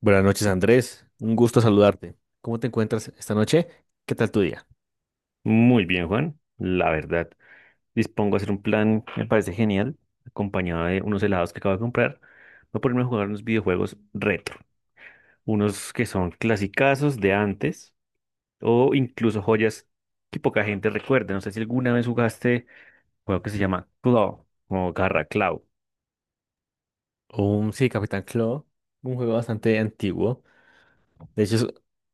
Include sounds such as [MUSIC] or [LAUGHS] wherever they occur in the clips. Buenas noches, Andrés. Un gusto saludarte. ¿Cómo te encuentras esta noche? ¿Qué tal tu día? Muy bien, Juan, la verdad. Dispongo a hacer un plan, me parece genial, acompañado de unos helados que acabo de comprar. Voy a ponerme a jugar unos videojuegos retro, unos que son clasicazos de antes o incluso joyas que poca gente recuerda. No sé si alguna vez jugaste un juego que se llama Claw o Garra Claw. Sí, Capitán Claw, un juego bastante antiguo. De hecho,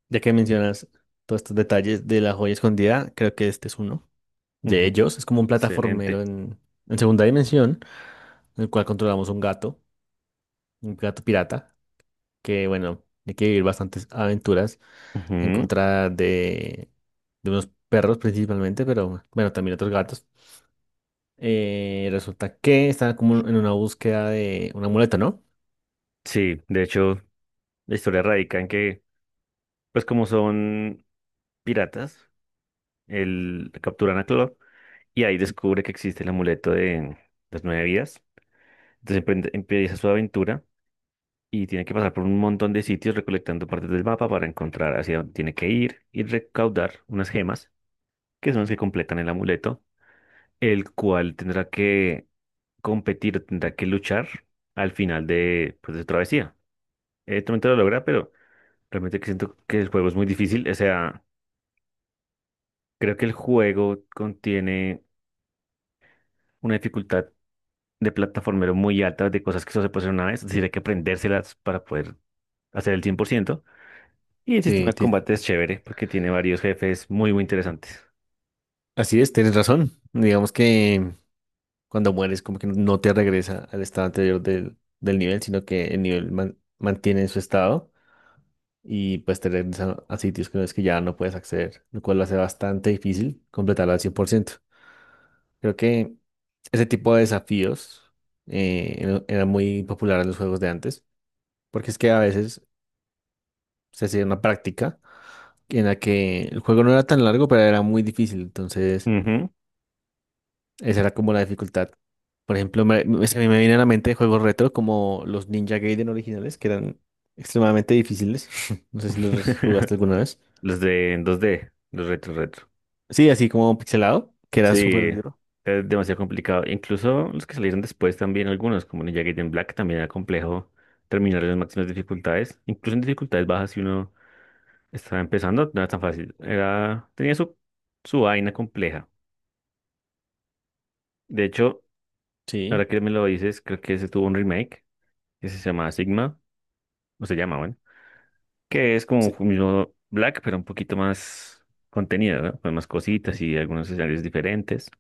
ya que mencionas todos estos detalles de la joya escondida, creo que este es uno de Ujú. ellos. Es como un plataformero Excelente. en segunda dimensión, en el cual controlamos un gato pirata, que bueno, hay que vivir bastantes aventuras en Ujú. contra de unos perros principalmente, pero bueno, también otros gatos. Resulta que estaba como en una búsqueda de una muleta, ¿no? Sí, de hecho, la historia radica en que, pues como son piratas, el capturan a Claw y ahí descubre que existe el amuleto de las nueve vidas. Entonces empieza su aventura y tiene que pasar por un montón de sitios recolectando partes del mapa para encontrar hacia dónde tiene que ir y recaudar unas gemas, que son las que completan el amuleto, el cual tendrá que competir, tendrá que luchar al final de, pues, de su travesía. Evidentemente lo logra, pero realmente que siento que el juego es muy difícil. O sea, creo que el juego contiene una dificultad de plataformero muy altas, de cosas que solo se puede hacer una vez, es decir, hay que aprendérselas para poder hacer el 100%. Y el Sí, sistema de combate es chévere porque tiene varios jefes muy, muy interesantes. así es, tienes razón. Digamos que cuando mueres, como que no te regresa al estado anterior del nivel, sino que el nivel mantiene su estado y pues te regresa a sitios que no es que ya no puedes acceder, lo cual lo hace bastante difícil completarlo al 100%. Creo que ese tipo de desafíos era muy popular en los juegos de antes, porque es que a veces se hacía una práctica, en la que el juego no era tan largo, pero era muy difícil. Entonces, Ujú. esa era como la dificultad. Por ejemplo, se me viene a la mente juegos retro como los Ninja Gaiden originales, que eran extremadamente difíciles. [LAUGHS] No sé si los [LAUGHS] jugaste alguna vez. Los de en 2D, los retro. Sí, así como pixelado, que era Sí, súper duro. es demasiado complicado. Incluso los que salieron después también, algunos, como Ninja Gaiden Black, también era complejo terminar en las máximas dificultades. Incluso en dificultades bajas, si uno estaba empezando, no era tan fácil. Era, tenía su, su vaina compleja. De hecho, Sí, ahora que me lo dices, creo que ese tuvo un remake que se llama Sigma, o se llama, bueno, que es como sí, un mismo Black, pero un poquito más contenido, ¿no? Con más cositas y algunos escenarios diferentes,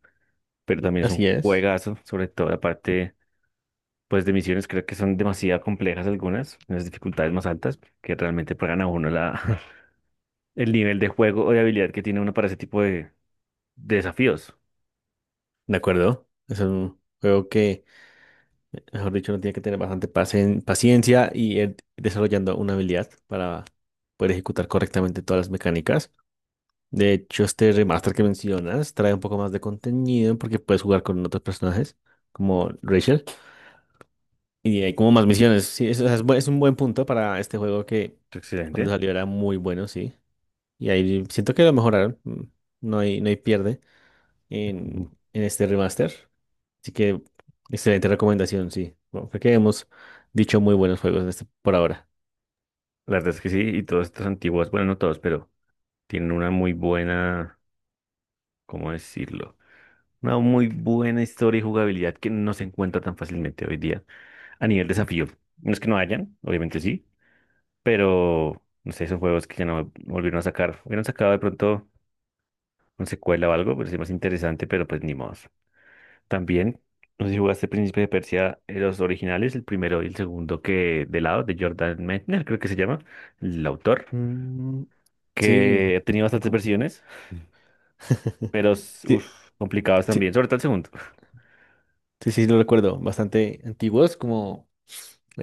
pero también es un así es. juegazo, sobre todo la parte, pues, de misiones, creo que son demasiado complejas algunas, unas dificultades más altas, que realmente pagan a uno la, [LAUGHS] el nivel de juego o de habilidad que tiene uno para ese tipo de desafíos. De acuerdo. Es un juego que, mejor dicho, uno tiene que tener bastante paciencia y ir desarrollando una habilidad para poder ejecutar correctamente todas las mecánicas. De hecho, este remaster que mencionas trae un poco más de contenido porque puedes jugar con otros personajes como Rachel y hay como más misiones. Sí, es es un buen punto para este juego que cuando Excelente. salió era muy bueno, sí. Y ahí siento que lo mejoraron. No hay pierde en, Ujú. en este remaster. Así que excelente recomendación, sí. Bueno, creo que hemos dicho muy buenos juegos en este, por ahora. La verdad es que sí, y todos estos antiguos, bueno, no todos, pero tienen una muy buena, ¿cómo decirlo? Una muy buena historia y jugabilidad que no se encuentra tan fácilmente hoy día a nivel desafío. No es que no hayan, obviamente sí, pero no sé, esos juegos que ya no volvieron a sacar. Hubieran sacado de pronto una secuela o algo, pero sí más interesante, pero pues ni modo. También, no sé si jugaste Príncipe de Persia, los originales, el primero y el segundo que de lado, de Jordan Mechner, creo que se llama, el autor, Mm, sí. que ha tenido bastantes como- versiones, [LAUGHS] pero que- uff, complicados también, sí, sobre todo el segundo. sí, sí, lo recuerdo. Bastante antiguos, como,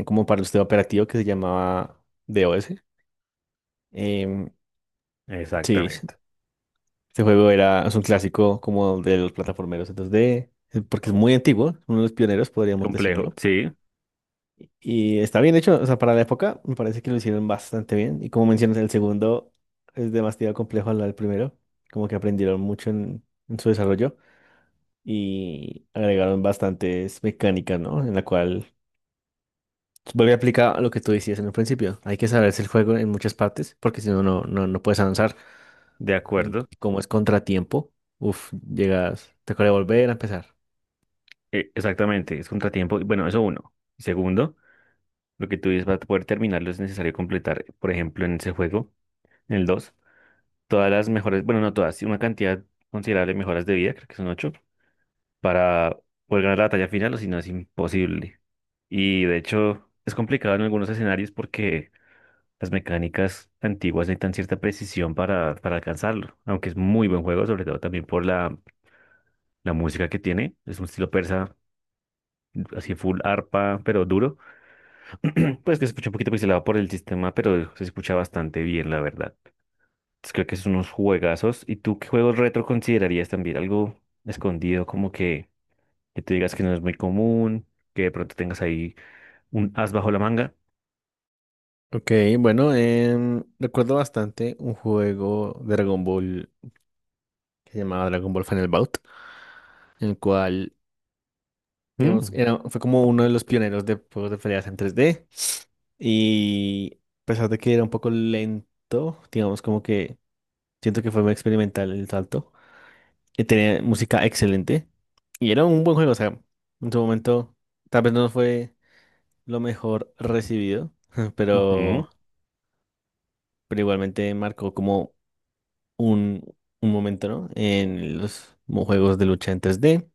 como para el sistema operativo que se llamaba DOS. Em, sí, Exactamente. este juego era, es un clásico como de los plataformeros en 2D, porque es muy antiguo, uno de los pioneros, podríamos Complejo, decirlo. sí, Y está bien hecho, o sea, para la época me parece que lo hicieron bastante bien. Y como mencionas, el segundo es demasiado complejo al lado del primero, como que aprendieron mucho en su desarrollo y agregaron bastantes mecánicas, ¿no? En la cual vuelve a aplicar lo que tú decías en el principio. Hay que saberse el juego en muchas partes porque si no, no puedes avanzar. de Y acuerdo. como es contratiempo, uff, llegas, te toca volver a empezar. Exactamente, es contratiempo. Bueno, eso uno. Y segundo, lo que tú dices para poder terminarlo es necesario completar, por ejemplo, en ese juego, en el 2, todas las mejores, bueno, no todas, sí, una cantidad considerable de mejoras de vida, creo que son 8, para poder ganar la batalla final o si no es imposible. Y de hecho, es complicado en algunos escenarios porque las mecánicas antiguas necesitan cierta precisión para alcanzarlo, aunque es muy buen juego, sobre todo también por la, la música que tiene, es un estilo persa así full arpa, pero duro. [CLEARS THROAT] Pues que se escucha un poquito pixelado por el sistema, pero se escucha bastante bien, la verdad. Entonces, creo que son unos juegazos. ¿Y tú qué juegos retro considerarías también? Algo escondido, como que tú digas que no es muy común, que de pronto tengas ahí un as bajo la manga. Ok, bueno, recuerdo bastante un juego de Dragon Ball que se llamaba Dragon Ball Final Bout, en el cual, digamos, Mm, era, fue como uno de los pioneros de juegos de peleas en 3D. Y a pesar de que era un poco lento, digamos, como que siento que fue muy experimental el salto. Tenía música excelente y era un buen juego, o sea, en su momento tal vez no fue lo mejor recibido, [LAUGHS] ujú. pero, pero igualmente marcó como un, un momento, ¿no? En los juegos de lucha en 3D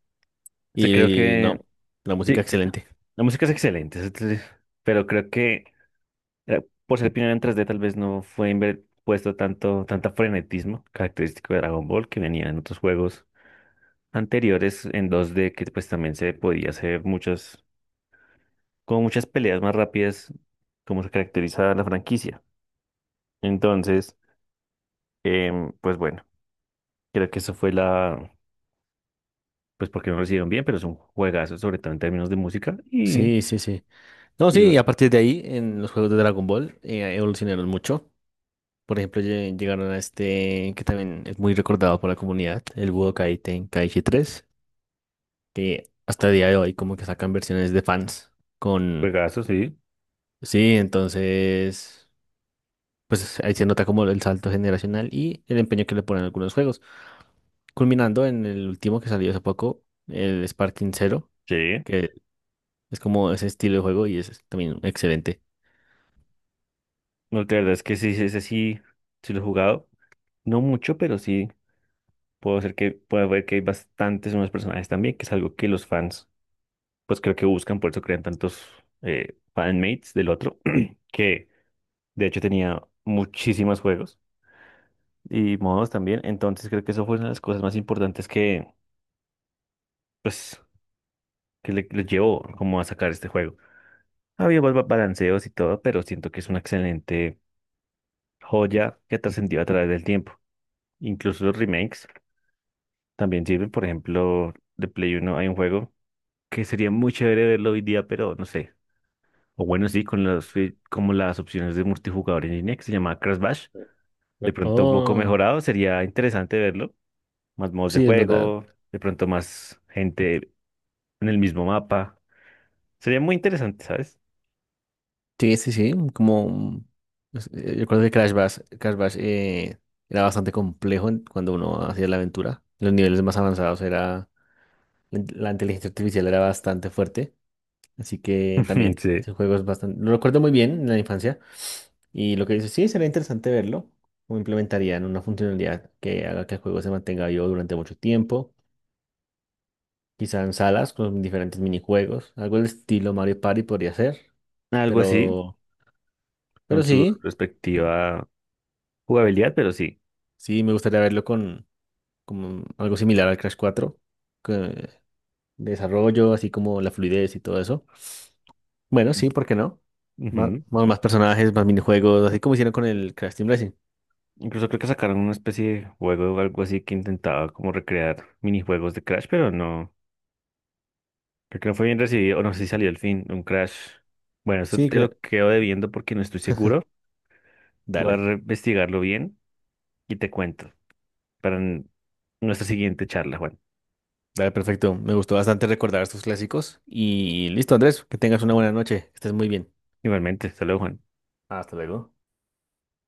Sí, creo y que no, la música excelente. la música es excelente, pero creo que por ser pionera en 3D tal vez no puesto tanto, tanta frenetismo característico de Dragon Ball que venía en otros juegos anteriores en 2D que pues también se podía hacer muchas, como muchas peleas más rápidas como se caracteriza la franquicia. Entonces, pues bueno, creo que eso fue la, pues porque no lo hicieron bien, pero es un juegazo, sobre todo en términos de música y, Sí, sí, sí. No, y sí, y a bu- partir de ahí, en los juegos de Dragon Ball, evolucionaron mucho. Por ejemplo, llegaron a este que también es muy recordado por la comunidad, el Budokai Tenkaichi 3 que hasta el día de hoy como que sacan versiones de fans con. juegazo, sí. Sí, entonces, pues ahí se nota como el salto generacional y el empeño que le ponen a algunos juegos. Culminando en el último que salió hace poco, el Sparking Zero, Sí. que es como ese estilo de juego y es también excelente. No, la verdad es que sí, sí, ese sí, sí lo he jugado. No mucho, pero sí puedo hacer que puedo ver que hay bastantes nuevos personajes también, que es algo que los fans pues creo que buscan, por eso crean tantos fanmates del otro, [CLEARS THROAT] que de hecho tenía muchísimos juegos y modos también. Entonces creo que eso fue una de las cosas más importantes que, pues, que le llevó como a sacar este juego. Había balanceos y todo, pero siento que es una excelente joya que trascendió a través del tiempo. Incluso los remakes también sirven, por ejemplo, de Play uno hay un juego que sería muy chévere verlo hoy día, pero no sé. O bueno, sí, como las opciones de multijugador en línea que se llama Crash Bash. De pronto un poco Oh, mejorado, sería interesante verlo. Más modos de sí, es verdad. juego, de pronto más gente en el mismo mapa. Sería muy interesante, ¿sabes? Sí, sí, sí, como pues, yo recuerdo que Crash Bash era bastante complejo cuando uno hacía la aventura. Los niveles más avanzados era la inteligencia artificial era bastante fuerte, así que [LAUGHS] también Sí. ese juego es bastante lo recuerdo muy bien en la infancia y lo que dices, sí, sería interesante verlo cómo implementarían una funcionalidad que haga que el juego se mantenga vivo durante mucho tiempo, quizá en salas con diferentes minijuegos, algo del estilo Mario Party podría ser, Algo así, pero pero con su sí. respectiva jugabilidad, pero sí. Sí, me gustaría verlo con, como algo similar al Crash 4 que- desarrollo, así como la fluidez y todo eso. Bueno, sí, ¿por qué no? Má- Ujú. Más, más personajes, más minijuegos, así como hicieron con el Crash Team Racing. Incluso creo que sacaron una especie de juego o algo así que intentaba como recrear minijuegos de Crash, pero no. Creo que no fue bien recibido, o no sé si salió el fin, un crash. Bueno, eso Sí, te lo quedo debiendo porque no estoy seguro. Voy a dale, investigarlo bien y te cuento para nuestra siguiente charla, Juan. dale, perfecto. Me gustó bastante recordar estos clásicos. Y listo, Andrés, que tengas una buena noche. Estés muy bien. Igualmente, hasta luego, Juan. Hasta luego.